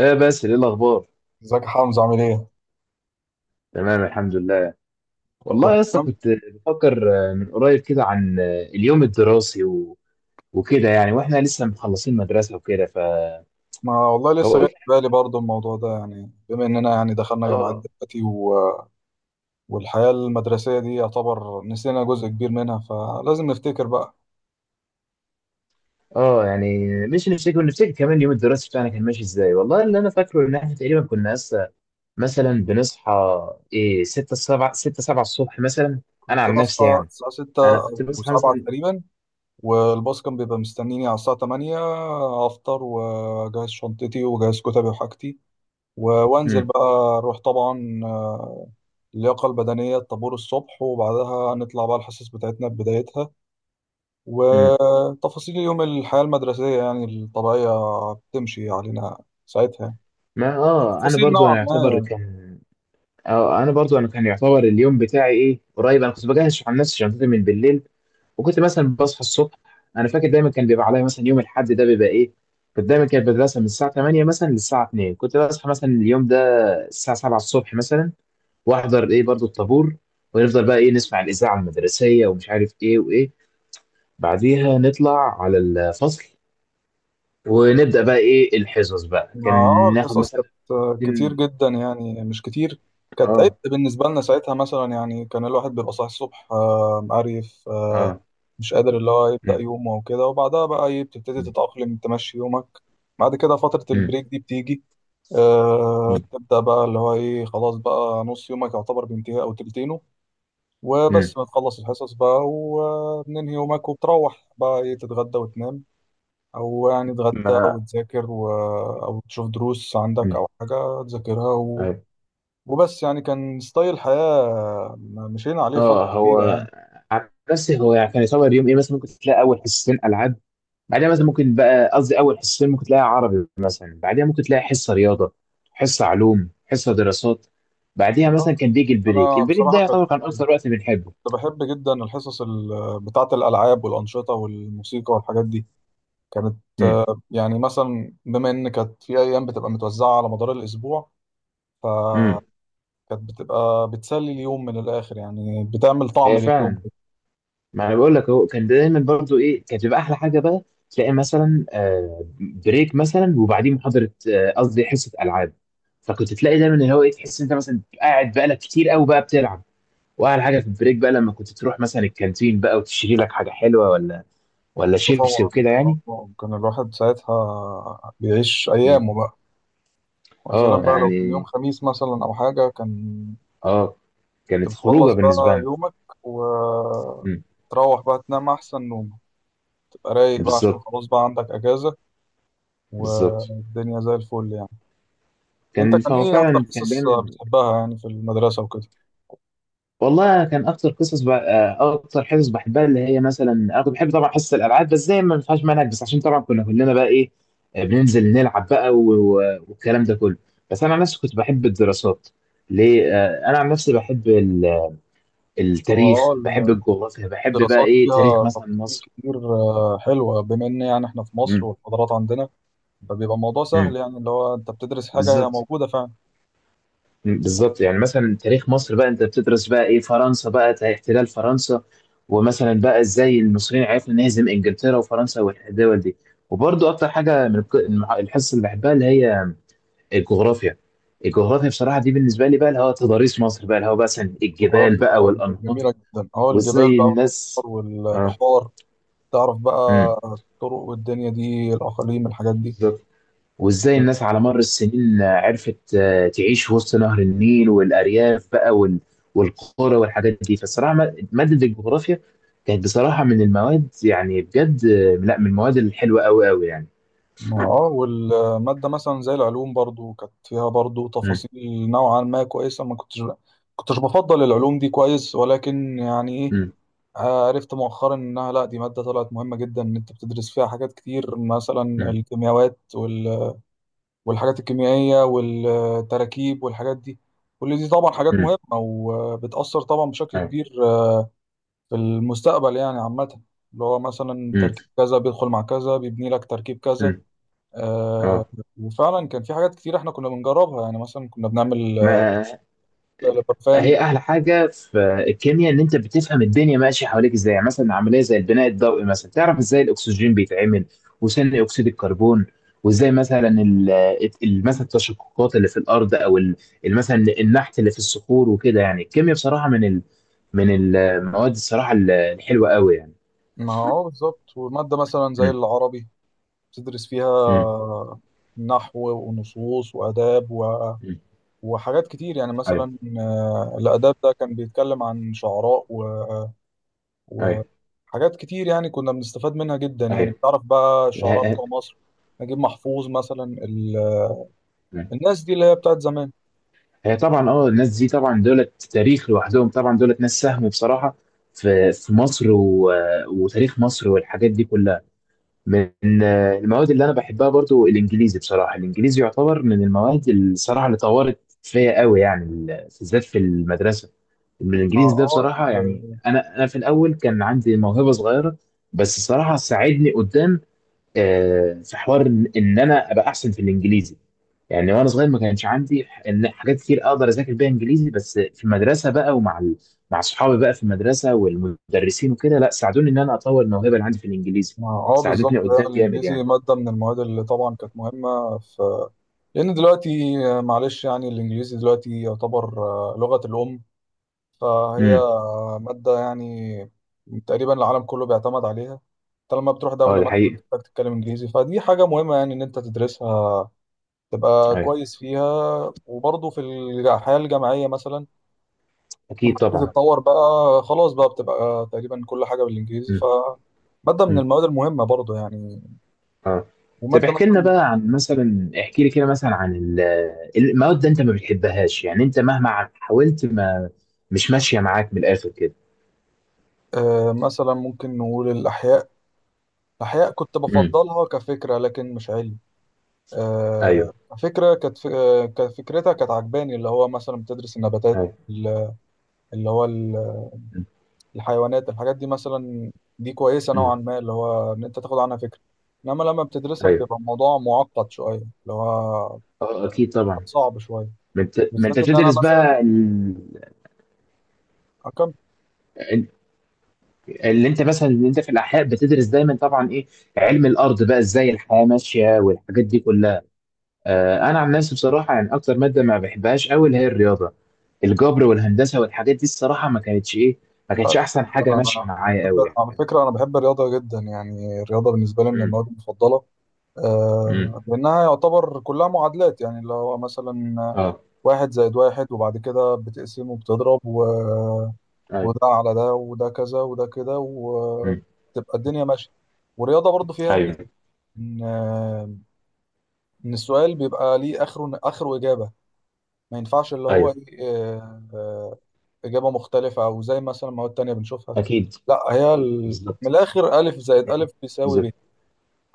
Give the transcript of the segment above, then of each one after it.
ايه بس ايه الاخبار؟ ازيك يا حمزة عامل ايه؟ تمام، الحمد لله. كله والله يا اسطى، تمام؟ كنت بفكر من قريب كده عن اليوم الدراسي و... وكده، يعني واحنا لسه مخلصين مدرسه وكده، ف ما والله لسه جاي فقلت في بالي برضه الموضوع ده يعني بما اننا يعني دخلنا جامعات اه. دلوقتي. و... والحياة المدرسية دي يعتبر نسينا جزء كبير منها فلازم نفتكر بقى. اه، يعني مش نفتكر، ونفتكر كمان اليوم الدراسي بتاعنا كان ماشي ازاي. والله اللي انا فاكره ان احنا تقريبا كنا لسه مثلا بنصحى ايه 6 7 6 7 الصبح مثلا. انا كنت عن نفسي بصحى يعني، الساعة 6 انا كنت أو بصحى 7 مثلا. تقريبا، والباص كان بيبقى مستنيني على الساعة 8. أفطر وأجهز شنطتي وأجهز كتبي وحاجتي وأنزل امم. بقى، أروح طبعا اللياقة البدنية الطابور الصبح، وبعدها نطلع بقى الحصص بتاعتنا بدايتها امم. وتفاصيل يوم الحياة المدرسية يعني الطبيعية بتمشي علينا ساعتها، ما اه، انا تفاصيل برضو انا نوعا يعتبر ما كان. اه، انا برضو انا كان يعتبر اليوم بتاعي ايه قريب. انا كنت بجهز عن نفسي شنطتي من بالليل، وكنت مثلا بصحى الصبح. انا فاكر دايما كان بيبقى عليا مثلا يوم الاحد ده بيبقى ايه، كنت دايما كانت المدرسه من الساعه 8 مثلا للساعه 2، كنت بصحى مثلا اليوم ده الساعه 7 الصبح مثلا. واحضر ايه برضو الطابور، ونفضل بقى ايه نسمع الاذاعه المدرسيه ومش عارف ايه وايه. بعديها نطلع على الفصل، ونبدا بقى ايه الحصص بقى يعني. كان اه ناخد الحصص مثلا. كانت كتير جدا، يعني مش كتير كانت عبء اه. بالنسبة لنا ساعتها. مثلا يعني كان الواحد بيبقى صاحي الصبح، مقريف، اه. مش قادر اللي هو يبدأ مم، يومه وكده. وبعدها بقى بتبتدي مم، تتأقلم تمشي يومك. بعد كده فترة مم، البريك دي بتيجي، مم، تبدأ بقى اللي هو ايه خلاص بقى نص يومك يعتبر بينتهي أو تلتينه. مم. وبس بتخلص الحصص بقى وبننهي يومك وبتروح بقى ايه تتغدى وتنام، او يعني تتغدى ما وتذاكر، و... او تشوف دروس عندك مم. او حاجة تذاكرها. و... أيوة. وبس يعني كان ستايل حياة مشينا عليه فترة اه هو، كبيرة يعني. عن نفسي هو يعني كان يصور يوم ايه، مثلا ممكن تلاقي اول حصتين العاب. بعدها مثلا ممكن بقى، قصدي اول حصتين ممكن تلاقي عربي مثلا، بعدها ممكن تلاقي حصه رياضه، حصه علوم، حصه دراسات. بعدها آه، مثلا كان بيجي البريك، انا البريك ده بصراحة كنت يعتبر كان اكثر وقت بنحبه. بحب جدا الحصص ال... بتاعة الالعاب والانشطة والموسيقى والحاجات دي. كانت امم. يعني مثلا بما ان كانت في ايام بتبقى متوزعة على مدار الاسبوع، امم. كانت بتبقى بتسلي اليوم من الآخر يعني بتعمل طعم هي لليوم. فعلا. ما انا بقول لك هو كان دايما برضو ايه، كانت بتبقى احلى حاجه بقى. تلاقي مثلا بريك مثلا وبعدين محاضره، قصدي حصه العاب. فكنت تلاقي دايما اللي هو ايه، تحس انت مثلا قاعد بقالك كتير قوي بقى بتلعب. واحلى حاجه في البريك بقى، لما كنت تروح مثلا الكانتين بقى وتشتري لك حاجه حلوه، ولا شيبسي طبعا وكده يعني. كان الواحد ساعتها بيعيش مم. أيامه بقى، ويا سلام اه بقى لو كان يوم يعني. خميس مثلا أو حاجة كان اه. كنت كانت خروجه بتخلص بالنسبه بقى لنا. يومك مم. وتروح بقى تنام أحسن نوم، تبقى رايق بقى عشان بالظبط. خلاص بقى عندك أجازة بالظبط. والدنيا زي الفل يعني. أنت كان كان فهو أكتر فعلا كان قصص دايما. بتحبها يعني في المدرسة وكده؟ والله كان اكتر قصص اكتر حصص بحبها اللي هي، مثلا انا كنت بحب طبعا حصص الالعاب، بس زي ما ما فيهاش منهج، بس عشان طبعا كنا كلنا بقى ايه، بننزل نلعب بقى و... و... والكلام ده كله. بس انا عن نفسي كنت بحب الدراسات. ليه؟ انا عن نفسي بحب التاريخ، بحب اه الجغرافيا، بحب بقى الدراسات ايه تاريخ فيها مثلا تفاصيل مصر. كتير، حلوة بما إن يعني إحنا في مصر امم. والحضارات عندنا، فبيبقى الموضوع امم. سهل يعني اللي هو انت بتدرس حاجه هي بالظبط. موجوده فعلا. مم، بالظبط. يعني مثلا تاريخ مصر بقى انت بتدرس بقى ايه فرنسا بقى احتلال فرنسا. ومثلا بقى ازاي المصريين عرفنا نهزم انجلترا وفرنسا والدول دي. وبرضو اكتر حاجه من الحصه اللي بحبها اللي هي الجغرافيا. الجغرافيا بصراحه دي بالنسبه لي بقى اللي هو تضاريس مصر بقى، اللي هو مثلا الجبال جغرافيا بقى اه دي كانت والانهار. جميله جدا، اه الجبال وازاي بقى الناس. والانهار اه. والبحار، تعرف بقى امم. الطرق والدنيا دي الاقاليم الحاجات دي. بالظبط. وازاي الناس على مر السنين عرفت تعيش وسط نهر النيل والارياف بقى والقرى والحاجات دي. فالصراحه مادة الجغرافيا كانت بصراحه من المواد، يعني بجد، لا من المواد الحلوه قوي قوي يعني. اه والماده مثلا زي العلوم برضو كانت فيها برضو امم. تفاصيل نوعا ما كويسه. ما كنتش بفضل العلوم دي كويس، ولكن يعني ايه امم. عرفت مؤخرا انها لا دي ماده طلعت مهمه جدا، ان انت بتدرس فيها حاجات كتير، مثلا امم. الكيمياوات والحاجات الكيميائية والتراكيب والحاجات دي. كل دي طبعا حاجات امم. مهمة وبتأثر طبعا بشكل اه. كبير في المستقبل يعني عامة، اللي هو مثلا امم. تركيب كذا بيدخل مع كذا بيبني لك تركيب كذا. امم. آه اه. وفعلا كان في حاجات كتير احنا كنا بنجربها، يعني مثلا كنا بنعمل ما لبرفان. هي احلى حاجه في الكيمياء ان انت بتفهم الدنيا ماشيه حواليك ازاي. يعني مثلا عمليه زي البناء الضوئي، مثلا تعرف ازاي الاكسجين بيتعمل وثاني اكسيد الكربون. وازاي مثلا مثلا التشققات اللي في الارض، او مثلا النحت اللي في الصخور وكده. يعني الكيمياء بصراحه من من المواد، الصراحه الحلوه قوي يعني. مع اه بالظبط، ومادة مثلا زي امم. العربي بتدرس امم. فيها نحو ونصوص وآداب امم. وحاجات كتير يعني. ايوه. مثلا الآداب ده كان بيتكلم عن شعراء و... حاجات كتير يعني كنا بنستفاد منها جدا، يعني ايوه. بتعرف بقى الشعراء ايوه. بتوع مصر، نجيب محفوظ مثلا، ال... الناس دي اللي هي بتاعت زمان. هي طبعا اه، الناس دي طبعا دولت تاريخ لوحدهم. طبعا دولت ناس ساهموا بصراحة في مصر و... وتاريخ مصر والحاجات دي كلها. من المواد اللي انا بحبها برضو الانجليزي بصراحة. الانجليزي يعتبر من المواد الصراحة اللي طورت فيا قوي يعني، بالذات في المدرسة. اه الانجليزي ده آه، بصراحة، يعني ال- انا في الاول كان عندي موهبة صغيرة، بس الصراحة ساعدني قدام في حوار إن انا ابقى احسن في الانجليزي يعني. وانا صغير ما كانش عندي ان حاجات كتير اقدر اذاكر بيها انجليزي، بس في المدرسه بقى ومع مع اصحابي بقى في المدرسه والمدرسين وكده، لا ساعدوني ان انا اطور الموهبه اللي عندي في الانجليزي. بالظبط، ساعدتني قدام جامد الانجليزي يعني. ماده من المواد اللي طبعا كانت مهمه، في لان دلوقتي معلش يعني الانجليزي دلوقتي يعتبر لغه الام. فهي امم. ماده يعني تقريبا العالم كله بيعتمد عليها. طالما بتروح اه دوله ده مثلا حقيقي. تحتاج تتكلم انجليزي، فدي حاجه مهمه يعني ان انت تدرسها تبقى ايوه. كويس فيها. وبرضه في الحياة الجامعية مثلا، لما اكيد تبتدي طبعا. تتطور بقى خلاص بقى بتبقى تقريبا كل حاجة بالإنجليزي، ف امم. مادة من امم. المواد المهمة برضه يعني. اه. طب ومادة احكي لنا مثلا بقى عن مثلا، احكي لي كده مثلا عن المواد ده انت ما بتحبهاش، يعني انت مهما حاولت ما، مش ماشيه معاك من الاخر كده. آه، مثلا ممكن نقول الأحياء. الأحياء كنت امم. بفضلها كفكرة لكن مش علم. ايوه. آه فكرة كانت، كفكرتها كانت عجباني، اللي هو مثلا بتدرس النباتات ايوه. اللي هو مم. الحيوانات الحاجات دي، مثلا دي كويسة نوعا مم. ما، اللي هو إن أنت تاخد عنها فكرة. إنما لما بتدرسها ايوه. بيبقى الموضوع معقد شوية، اللي هو اه اكيد طبعا. صعب شوية، ما انت، بالذات إن أنا بتدرس مثلا بقى أكمل. ال- اللي انت مثلا، اللي انت في الاحياء بتدرس دايما طبعا ايه علم الارض بقى ازاي الحياه ماشيه والحاجات دي كلها. آه انا عن نفسي بصراحه، يعني اكتر ماده ما بحبهاش قوي اللي هي الرياضه، الجبر والهندسه والحاجات دي. الصراحه ما كانتش ايه، ما لا، كانتش احسن حاجه أنا ماشيه أنا أنا معايا بحب قوي على يعني. فكرة، أنا بحب الرياضة جدا يعني، الرياضة بالنسبة لي من امم. المواد المفضلة. امم. آه لأنها يعتبر كلها معادلات يعني، اللي هو مثلا اه. واحد زائد واحد، وبعد كده بتقسمه وبتضرب ايوه. وده على ده وده كذا وده كده، امم. وتبقى الدنيا ماشيه. والرياضه برضو فيها ميزه ايوه. ان ان السؤال بيبقى ليه اخره، اخره اجابه، ما ينفعش اللي هو ايوه. ايه آه، آه، اجابه مختلفه، او زي مثلا مواد تانية بنشوفها. اكيد. لا هي من بالظبط. الاخر الف زائد الف بيساوي بالظبط. ب،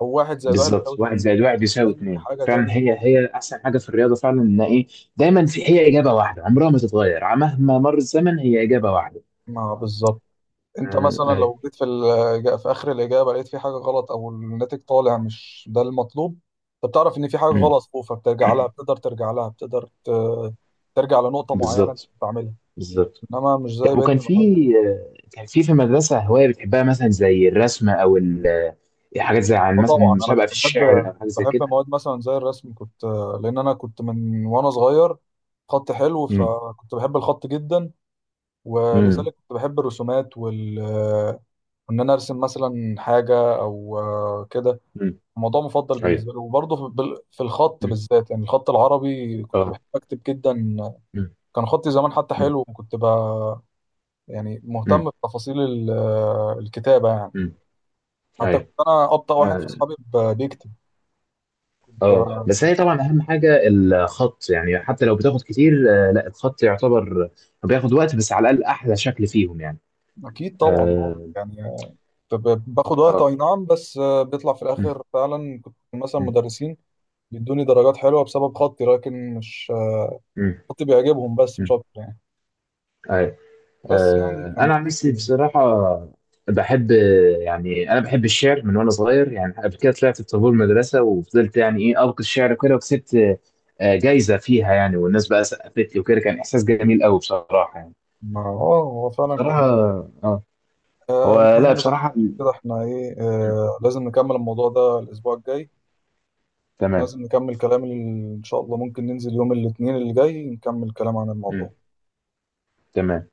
او واحد زائد واحد بالظبط، بيساوي واحد اتنين، زائد واحد مش يساوي اي اتنين حاجه فعلا. تانية هي خالص. هي احسن حاجه في الرياضه فعلا، ان ايه، دايما في هي اجابه واحده عمرها ما تتغير. مهما مر الزمن هي اجابه واحده. ما بالظبط، انت آه، مثلا ايوه. لو جيت في في اخر الاجابه لقيت في حاجه غلط او الناتج طالع مش ده المطلوب، انت بتعرف ان في حاجه امم. غلط فوق، فبترجع لها، بتقدر ترجع لها بتقدر ت- ترجع لنقطه معينه انت بالظبط. بتعملها، بالظبط. انما مش زي طب بقيه وكان في المواد. كان في المدرسه هوايه بتحبها، مثلا زي الرسم او حاجات زي عن اه مثلا طبعا انا مسابقه في كنت بحب، الشعر او حاجه زي بحب كده؟ مواد مثلا زي الرسم كنت، لان انا كنت من وانا صغير خط حلو، امم. فكنت بحب الخط جدا، امم. ولذلك كنت بحب الرسومات وال ان انا ارسم مثلا حاجه او كده، امم. موضوع مفضل ايوه. بالنسبه له. وبرضه في في الخط مم. بالذات يعني الخط العربي كنت بحب اه. اكتب جدا. امم. كان خطي زمان حتى امم. حلو، وكنت بقى يعني مهتم بتفاصيل الكتابه يعني، امم. حتى كنت ايوه. انا ابطا واحد في آه. اصحابي بيكتب، كنت اه بقى- بس هي طبعا اهم حاجه الخط، يعني حتى لو بتاخد كتير، لا الخط يعتبر بياخد وقت، بس على الاقل احلى شكل فيهم يعني. اكيد طبعا اه. يعني كنت باخد وقت اه. اي نعم، بس بيطلع في مم، الاخر فعلا، كنت مثلا مم، مدرسين بيدوني درجات حلوه بسبب خطي، لكن مش مم، خطي بيعجبهم بس مش مم. اكتر يعني. أيوة. بس يعني كان انا عن في نفسي بصراحه بحب، يعني انا بحب الشعر من وانا صغير يعني. قبل كده طلعت بطابور مدرسه وفضلت يعني ايه القي الشعر وكده، وكسبت جايزه فيها يعني، والناس بقى سقفت لي وكده، كان احساس جميل قوي بصراحه يعني. ما- اه هو فعلا بصراحه. كان اه آه، هو لا المهم بقى بصراحه. كده احنا ايه، لازم نكمل الموضوع ده الاسبوع الجاي، تمام. لازم نكمل كلام ان شاء الله ممكن ننزل يوم الاثنين اللي جاي نكمل كلام عن مم. الموضوع تمام.